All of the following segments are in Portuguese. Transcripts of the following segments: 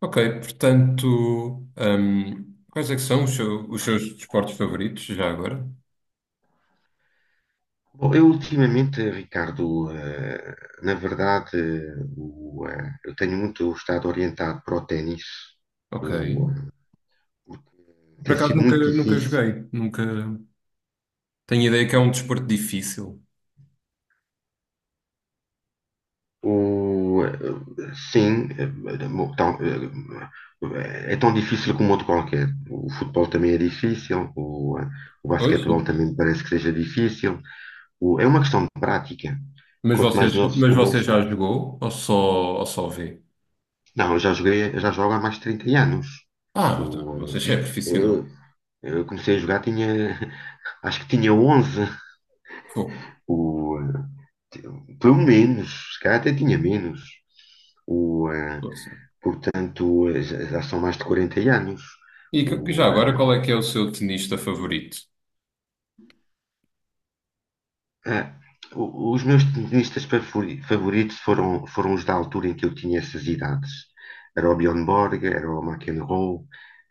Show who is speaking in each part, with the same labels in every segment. Speaker 1: Ok, portanto, quais é que são os seus desportos favoritos já agora?
Speaker 2: Bom, eu ultimamente, Ricardo, na verdade, eu tenho muito estado orientado para o ténis.
Speaker 1: Ok.
Speaker 2: O, eh, Porque
Speaker 1: Por
Speaker 2: tem
Speaker 1: acaso
Speaker 2: sido
Speaker 1: nunca,
Speaker 2: muito
Speaker 1: nunca
Speaker 2: difícil.
Speaker 1: joguei, nunca tenho ideia que é um desporto difícil.
Speaker 2: Sim, é tão difícil como outro qualquer. O futebol também é difícil. O
Speaker 1: Pois.
Speaker 2: basquetebol também me parece que seja difícil. É uma questão de prática.
Speaker 1: Mas
Speaker 2: Quanto
Speaker 1: você,
Speaker 2: mais novo se
Speaker 1: mas você
Speaker 2: começa.
Speaker 1: já jogou ou só vê?
Speaker 2: Não, eu já joguei, eu já jogo há mais de 30 anos.
Speaker 1: Ah, então,
Speaker 2: O,
Speaker 1: você já é profissional.
Speaker 2: eu, eu comecei a jogar, tinha, acho que tinha 11,
Speaker 1: Fogo.
Speaker 2: o, pelo menos, se calhar até tinha menos. O, eh,
Speaker 1: Poça.
Speaker 2: Portanto, já são mais de 40 anos.
Speaker 1: Já
Speaker 2: O,
Speaker 1: agora,
Speaker 2: eh,
Speaker 1: qual é que é o seu tenista favorito?
Speaker 2: ah, o- Os meus tenistas favoritos foram os da altura em que eu tinha essas idades. Era o Bjorn Borg, era o McEnroe,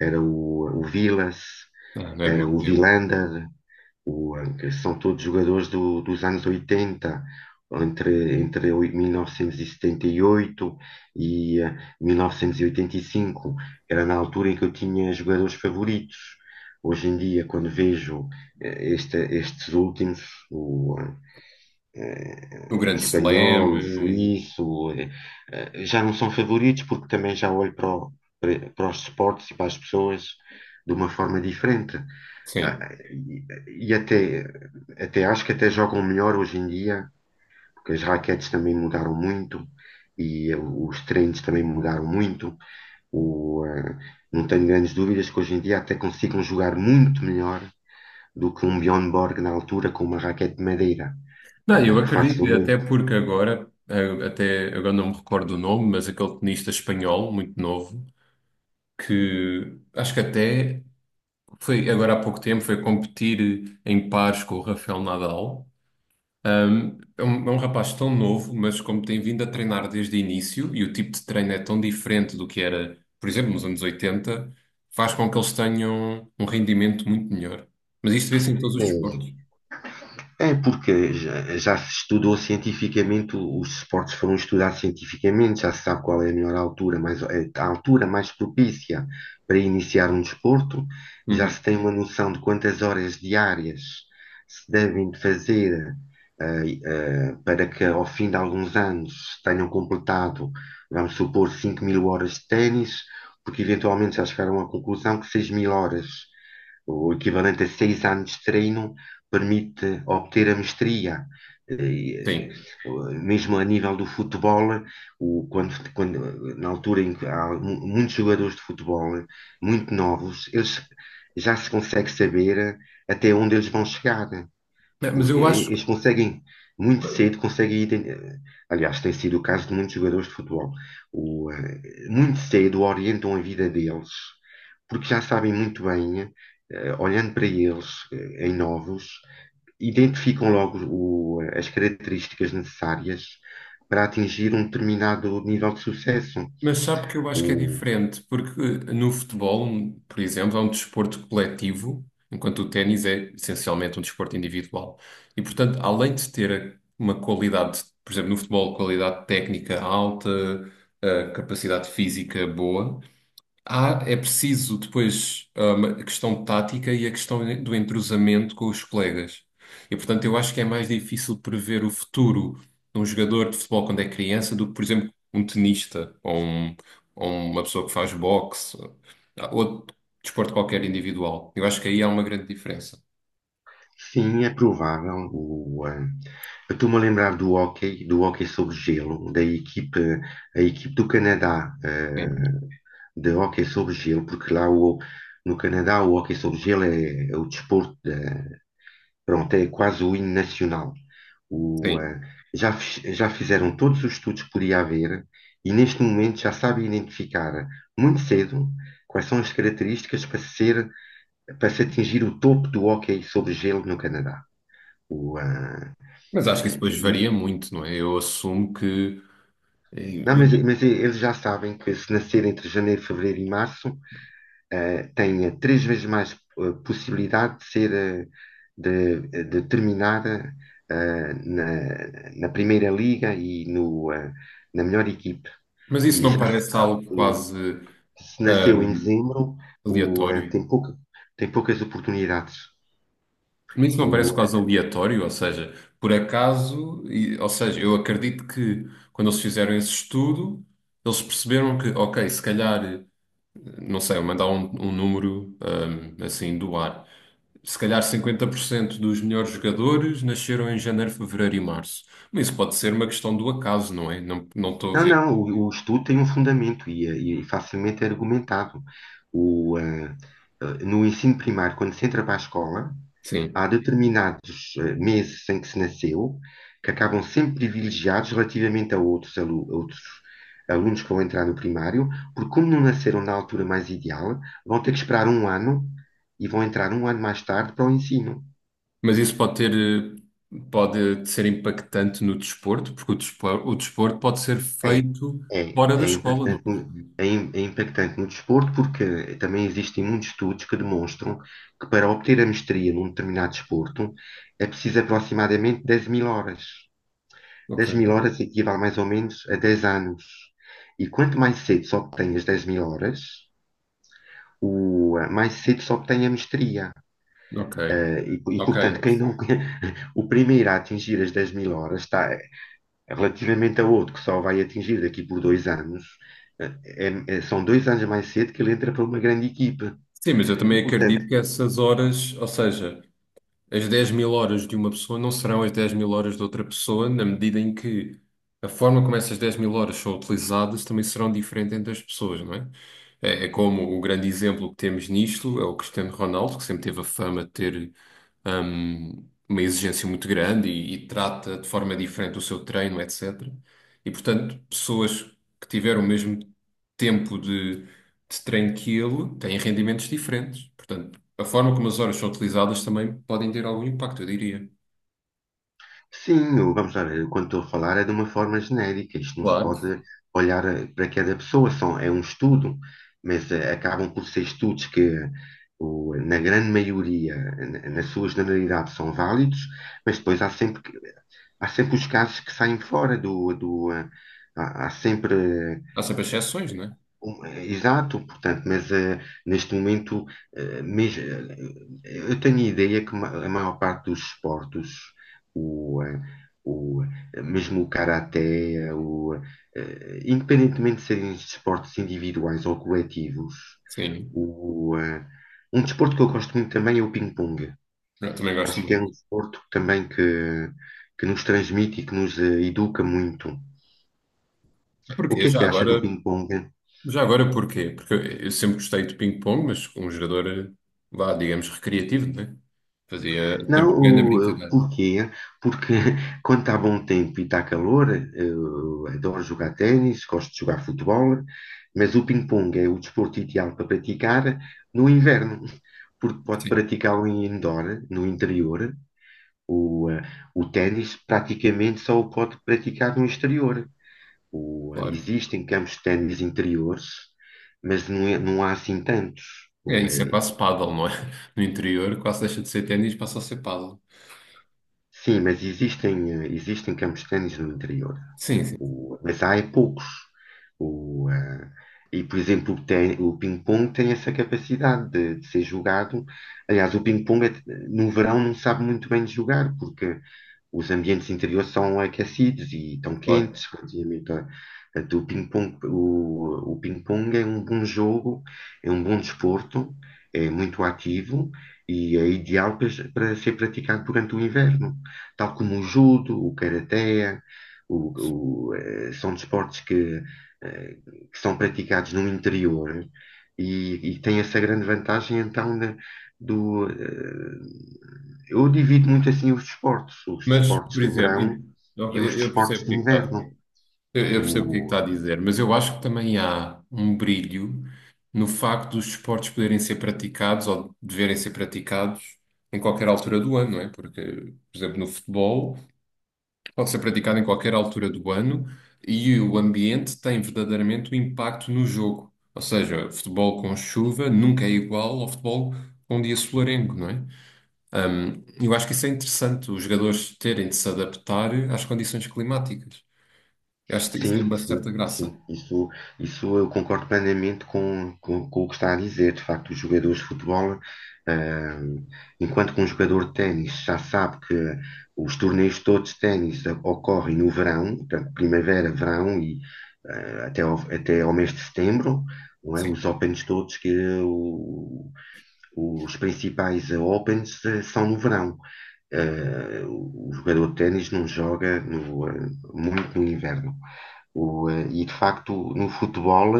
Speaker 2: era o Vilas,
Speaker 1: Ah, não é do
Speaker 2: era
Speaker 1: meu
Speaker 2: o
Speaker 1: tempo.
Speaker 2: Wilander. São todos jogadores dos anos 80, entre, 1978 e 78 e 1985. Era na altura em que eu tinha jogadores favoritos. Hoje em dia, quando vejo estes últimos, o, eh,
Speaker 1: O
Speaker 2: o
Speaker 1: Grande Slam.
Speaker 2: espanhol, o suíço, já não são favoritos porque também já olho para os esportes e para as pessoas de uma forma diferente.
Speaker 1: Sim.
Speaker 2: Ah, e, e até acho que até jogam melhor hoje em dia, porque as raquetes também mudaram muito e os treinos também mudaram muito. O, eh, não tenho grandes dúvidas que hoje em dia até consigam jogar muito melhor do que um Bjorn Borg na altura com uma raquete de madeira,
Speaker 1: Não, eu
Speaker 2: que
Speaker 1: acredito, até
Speaker 2: facilmente
Speaker 1: porque agora, até agora não me recordo o nome, mas aquele tenista espanhol, muito novo, que acho que até foi agora há pouco tempo, foi competir em pares com o Rafael Nadal. É um rapaz tão novo, mas como tem vindo a treinar desde o início e o tipo de treino é tão diferente do que era, por exemplo, nos anos 80, faz com que eles tenham um rendimento muito melhor. Mas isto vê-se em todos os
Speaker 2: É,
Speaker 1: desportos.
Speaker 2: é porque já se estudou cientificamente, os esportes foram estudados cientificamente. Já se sabe qual é a melhor altura, mais, é, a altura mais propícia para iniciar um desporto. Já
Speaker 1: Uhum,
Speaker 2: se tem uma noção de quantas horas diárias se devem de fazer, para que ao fim de alguns anos tenham completado, vamos supor, 5000 horas de ténis, porque eventualmente já chegaram à conclusão que 6000 horas, o equivalente a 6 anos de treino, permite obter a mestria. Eh,
Speaker 1: sim.
Speaker 2: Mesmo a nível do futebol, na altura em que há muitos jogadores de futebol muito novos, eles, já se consegue saber até onde eles vão chegar,
Speaker 1: É, mas
Speaker 2: porque
Speaker 1: eu acho.
Speaker 2: eles conseguem muito cedo, conseguem, aliás, tem sido o caso de muitos jogadores de futebol. Muito cedo orientam a vida deles, porque já sabem muito bem, olhando para eles, em novos, identificam logo as características necessárias para atingir um determinado nível de sucesso.
Speaker 1: Mas sabe que eu acho que é
Speaker 2: O,
Speaker 1: diferente, porque no futebol, por exemplo, é um desporto coletivo, enquanto o ténis é essencialmente um desporto individual. E, portanto, além de ter uma qualidade, por exemplo, no futebol, qualidade técnica alta, capacidade física boa, há, é preciso depois, a questão tática e a questão do entrosamento com os colegas. E, portanto, eu acho que é mais difícil prever o futuro de um jogador de futebol quando é criança do que, por exemplo, um tenista, ou uma pessoa que faz boxe, ou desporto qualquer individual. Eu acho que aí há uma grande diferença.
Speaker 2: sim, é provável. Eu estou-me a lembrar do hóquei sobre gelo, da equipe, a equipe do Canadá,
Speaker 1: Sim,
Speaker 2: de hóquei sobre gelo, porque no Canadá o hóquei sobre gelo é o desporto. Pronto, é quase o hino nacional. O, eh,
Speaker 1: sim.
Speaker 2: já, fi- Já fizeram todos os estudos que podia haver e neste momento já sabem identificar muito cedo quais são as características para ser, para se atingir o topo do hóquei sobre gelo no Canadá. O, eh,
Speaker 1: Mas acho que isso depois varia
Speaker 2: e-
Speaker 1: muito, não é? Eu assumo que.
Speaker 2: não,
Speaker 1: eh,
Speaker 2: mas eles já sabem que se nascer entre janeiro, fevereiro e março, tenha três vezes mais possibilidade de ser, de terminar na Primeira Liga e no, eh, na melhor equipe.
Speaker 1: Mas isso
Speaker 2: E
Speaker 1: não
Speaker 2: já se
Speaker 1: parece
Speaker 2: sabe
Speaker 1: algo
Speaker 2: que,
Speaker 1: quase,
Speaker 2: se nasceu em
Speaker 1: hum,
Speaker 2: dezembro, o, eh,
Speaker 1: aleatório?
Speaker 2: tem pouca, tem poucas oportunidades.
Speaker 1: Mas isso não parece
Speaker 2: O,
Speaker 1: quase aleatório, ou seja, por acaso, ou seja, eu acredito que quando eles fizeram esse estudo, eles perceberam que, ok, se calhar, não sei, eu mandar um número, assim do ar, se calhar 50% dos melhores jogadores nasceram em janeiro, fevereiro e março. Mas isso pode ser uma questão do acaso, não é? Não, não estou a
Speaker 2: não,
Speaker 1: ver.
Speaker 2: não, o estudo tem um fundamento e facilmente é argumentado. O, eh, no ensino primário, quando se entra para a escola, há
Speaker 1: Sim.
Speaker 2: determinados meses em que se nasceu, que acabam sempre privilegiados relativamente a outros, a outros alunos que vão entrar no primário, porque como não nasceram na altura mais ideal, vão ter que esperar um ano e vão entrar um ano mais tarde para o ensino.
Speaker 1: Mas isso pode ter, pode ser impactante no desporto, porque o desporto pode ser
Speaker 2: É,
Speaker 1: feito
Speaker 2: é,
Speaker 1: fora da
Speaker 2: é
Speaker 1: escola, não
Speaker 2: impactante.
Speaker 1: é?
Speaker 2: É impactante no desporto porque também existem muitos estudos que demonstram que para obter a mestria num determinado desporto é preciso aproximadamente 10.000 horas.
Speaker 1: Ok.
Speaker 2: 10.000 horas equivale mais ou menos a 10 anos. E quanto mais cedo se obtém as 10.000 horas, mais cedo se obtém a mestria.
Speaker 1: Ok, ok.
Speaker 2: Portanto, quem não, o primeiro a atingir as 10.000 horas está, relativamente a outro que só vai atingir daqui por 2 anos. São 2 anos mais cedo que ele entra para uma grande equipe.
Speaker 1: Sim, mas eu
Speaker 2: E,
Speaker 1: também
Speaker 2: portanto,
Speaker 1: acredito que essas horas, ou seja, as 10 000 horas de uma pessoa não serão as 10 000 horas de outra pessoa, na medida em que a forma como essas 10 000 horas são utilizadas também serão diferente entre as pessoas, não é? É, é como o grande exemplo que temos nisto é o Cristiano Ronaldo, que sempre teve a fama de ter, uma exigência muito grande e trata de forma diferente o seu treino, etc. E, portanto, pessoas que tiveram o mesmo tempo de treino que ele têm rendimentos diferentes. Portanto, a forma como as horas são utilizadas também podem ter algum impacto, eu diria.
Speaker 2: sim, vamos lá ver, quando estou a falar é de uma forma genérica. Isto não se
Speaker 1: Claro.
Speaker 2: pode olhar, para cada pessoa, são, é um estudo, mas acabam por ser estudos que, na grande maioria, na sua generalidade, são válidos, mas depois há sempre, há sempre os casos que saem fora há sempre.
Speaker 1: Há sempre exceções, não é?
Speaker 2: Exato. Portanto, mas neste momento, eh, mes- eh, eu tenho a ideia que a maior parte dos esportes, o, eh, o, mesmo o karaté, eh, o, independentemente de serem esportes individuais ou coletivos,
Speaker 1: Sim,
Speaker 2: o, eh, um desporto que eu gosto muito também é o ping-pong.
Speaker 1: eu também gosto
Speaker 2: Acho que é um
Speaker 1: muito.
Speaker 2: desporto também que nos transmite e que nos educa muito. O
Speaker 1: Porquê?
Speaker 2: que é
Speaker 1: Já
Speaker 2: que acha do
Speaker 1: agora,
Speaker 2: ping-pong?
Speaker 1: porquê? Porque eu sempre gostei de ping-pong, mas com um jogador, vá, digamos, recreativo, não é? Fazia
Speaker 2: Não.
Speaker 1: sempre grande brincadeira.
Speaker 2: Porquê? Porque quando está bom tempo e está calor, eu adoro jogar ténis, gosto de jogar futebol, mas o ping-pong é o desporto ideal para praticar no inverno, porque pode
Speaker 1: Sim,
Speaker 2: praticá-lo em indoor, no interior. O, eh, o ténis praticamente só o pode praticar no exterior.
Speaker 1: claro.
Speaker 2: Existem campos de ténis interiores, mas não, não há assim tantos.
Speaker 1: É,
Speaker 2: O,
Speaker 1: isso é
Speaker 2: é
Speaker 1: quase paddle, não é? No interior quase deixa de ser ténis, passa a ser paddle.
Speaker 2: Sim, mas existem, existem campos de ténis no interior.
Speaker 1: Sim, sim,
Speaker 2: Mas há é poucos. O, eh, e, por exemplo, o ping-pong tem essa capacidade de ser jogado. Aliás, o ping-pong no verão não sabe muito bem de jogar, porque os ambientes interiores são aquecidos e estão
Speaker 1: claro.
Speaker 2: quentes relativamente a do ping-pong. O ping-pong é um bom jogo, é um bom desporto, é muito ativo e é ideal para ser praticado durante o inverno, tal como o judo, o karaté, são desportos que, eh, que são praticados no interior e tem essa grande vantagem então, do, eh, eu divido muito assim os
Speaker 1: Mas,
Speaker 2: desportos
Speaker 1: por
Speaker 2: de
Speaker 1: exemplo,
Speaker 2: verão e os
Speaker 1: ok, eu
Speaker 2: desportos
Speaker 1: percebo o
Speaker 2: de
Speaker 1: que é que está.
Speaker 2: inverno.
Speaker 1: Eu percebo o que é que
Speaker 2: O-
Speaker 1: está a dizer, mas eu acho que também há um brilho no facto dos esportes poderem ser praticados ou deverem ser praticados em qualquer altura do ano, não é? Porque, por exemplo, no futebol pode ser praticado em qualquer altura do ano e o ambiente tem verdadeiramente um impacto no jogo. Ou seja, futebol com chuva nunca é igual ao futebol com um dia solarengo, não é? Eu acho que isso é interessante, os jogadores terem de se adaptar às condições climáticas. Eu acho que isso tem
Speaker 2: sim,
Speaker 1: uma
Speaker 2: sim,
Speaker 1: certa graça.
Speaker 2: sim. Isso, isso eu concordo plenamente com o que está a dizer. De facto, os jogadores de futebol, ah, enquanto que um jogador de ténis já sabe que os torneios todos de ténis ocorrem no verão, portanto, primavera, verão e até ao mês de setembro, não é? Os
Speaker 1: Sim,
Speaker 2: Opens todos que, o- os principais Opens são no verão. O jogador de ténis não joga muito no inverno. E, de facto, no futebol,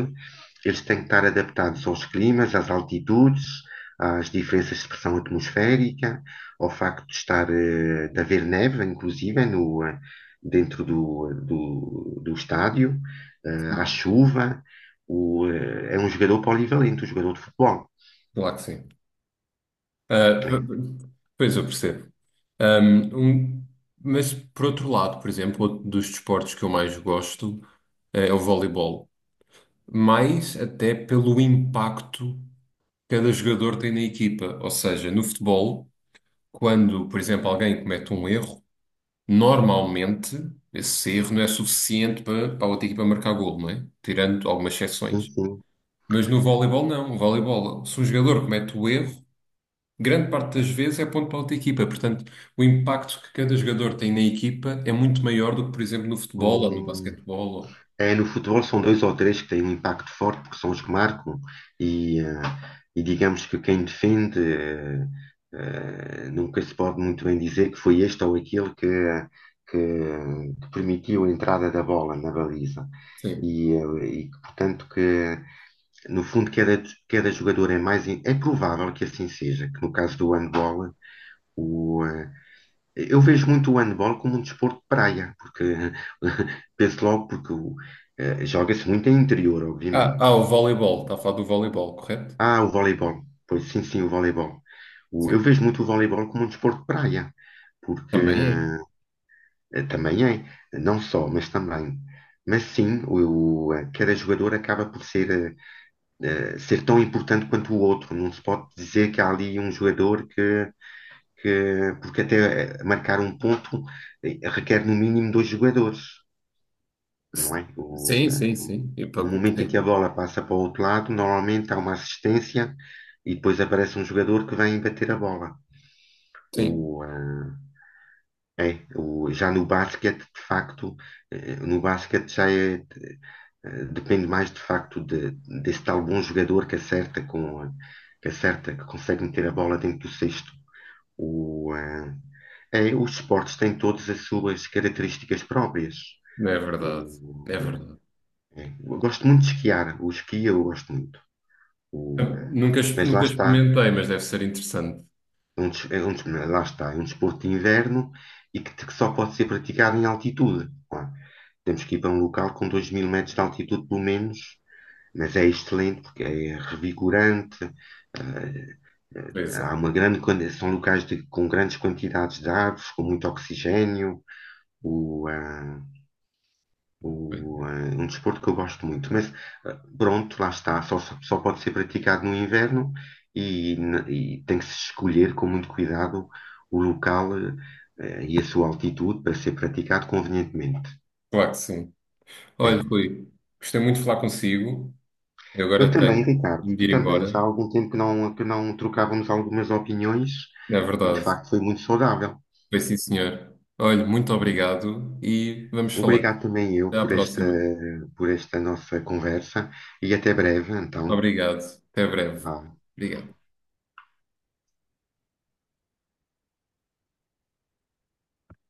Speaker 2: eles têm que estar adaptados aos climas, às altitudes, às diferenças de pressão atmosférica, ao facto de estar de haver neve, inclusive, no, dentro do estádio, à
Speaker 1: sim,
Speaker 2: chuva. O, uh, É um jogador polivalente, um jogador de futebol.
Speaker 1: claro que sim. Ah,
Speaker 2: É.
Speaker 1: pois eu percebo. Ahm, um- mas por outro lado, por exemplo, outro dos desportos que eu mais gosto, é o voleibol, mais até pelo impacto que cada jogador tem na equipa. Ou seja, no futebol, quando, por exemplo, alguém comete um erro, normalmente esse erro não é suficiente para a outra equipa marcar golo, não é? Tirando algumas
Speaker 2: Sim,
Speaker 1: exceções.
Speaker 2: sim.
Speaker 1: Mas no voleibol, não. No voleibol, se um jogador comete o erro, grande parte das vezes é ponto para outra equipa. Portanto, o impacto que cada jogador tem na equipa é muito maior do que, por exemplo, no futebol ou no
Speaker 2: Hum.
Speaker 1: basquetebol. Ou...
Speaker 2: É, no futebol são dois ou três que têm um impacto forte, porque são os que marcam, e, eh, e digamos que quem defende nunca se pode muito bem dizer que foi este ou aquele que, que permitiu a entrada da bola na baliza.
Speaker 1: Sim.
Speaker 2: E que, portanto, que no fundo cada jogador é mais. É provável que assim seja, que no caso do handball. Eu vejo muito o handball como um desporto de praia, porque penso logo, porque joga-se muito em interior,
Speaker 1: Ah,
Speaker 2: obviamente.
Speaker 1: ah, o voleibol. Está a falar do voleibol, correto?
Speaker 2: Ah, o voleibol. Pois sim, sim, o voleibol. Eu
Speaker 1: Sim.
Speaker 2: vejo muito o voleibol como um desporto de praia, porque
Speaker 1: Também é.
Speaker 2: também é, não só, mas também. Mas sim. Cada jogador acaba por ser, eh, ser tão importante quanto o outro. Não se pode dizer que há ali um jogador porque até marcar um ponto requer no mínimo dois jogadores,
Speaker 1: S-
Speaker 2: não é? O,
Speaker 1: Sim,
Speaker 2: eh,
Speaker 1: sim,
Speaker 2: no
Speaker 1: sim. E para
Speaker 2: No momento em que
Speaker 1: competir.
Speaker 2: a bola passa para o outro lado, normalmente há uma assistência e depois aparece um jogador que vem bater a bola.
Speaker 1: Sim.
Speaker 2: O, eh, é, o, Já no basquete, de facto, no basquete já é, depende mais de facto desse tal bom jogador que acerta que acerta, que consegue meter a bola dentro do cesto. O, eh, os esportes têm todas as suas características próprias.
Speaker 1: Não é verdade. É
Speaker 2: O,
Speaker 1: verdade.
Speaker 2: eu gosto muito de esquiar. O esqui eu gosto muito. O,
Speaker 1: Eu
Speaker 2: eh,
Speaker 1: Nunca, ex-
Speaker 2: mas lá
Speaker 1: nunca
Speaker 2: está.
Speaker 1: experimentei, mas deve ser interessante.
Speaker 2: Lá está. É um desporto de inverno e que só pode ser praticado em altitude. Pá, temos que ir para um local com 2 mil metros de altitude, pelo menos. Mas é excelente porque é revigorante. eh, Há
Speaker 1: Teresa.
Speaker 2: uma grande, são locais com grandes quantidades de árvores, com muito oxigênio. o, ah, o, ah, Um desporto que eu gosto muito. Mas pronto, lá está, só pode ser praticado no inverno e, e tem que se escolher com muito cuidado o local e a sua altitude para ser praticado convenientemente.
Speaker 1: Claro que sim.
Speaker 2: É.
Speaker 1: Olha, Rui, gostei muito de falar consigo. Eu
Speaker 2: Eu
Speaker 1: agora
Speaker 2: também,
Speaker 1: tenho
Speaker 2: Ricardo,
Speaker 1: de
Speaker 2: tu
Speaker 1: ir
Speaker 2: também. Já há
Speaker 1: embora.
Speaker 2: algum tempo que não trocávamos algumas opiniões
Speaker 1: Não é
Speaker 2: e de
Speaker 1: verdade.
Speaker 2: facto foi muito saudável.
Speaker 1: Foi sim, senhor. Olhe, muito
Speaker 2: É.
Speaker 1: obrigado e vamos falando.
Speaker 2: Obrigado também eu
Speaker 1: Até à
Speaker 2: por esta,
Speaker 1: próxima.
Speaker 2: por esta nossa conversa e até breve, então.
Speaker 1: Obrigado. Até breve.
Speaker 2: Vá.
Speaker 1: Obrigado.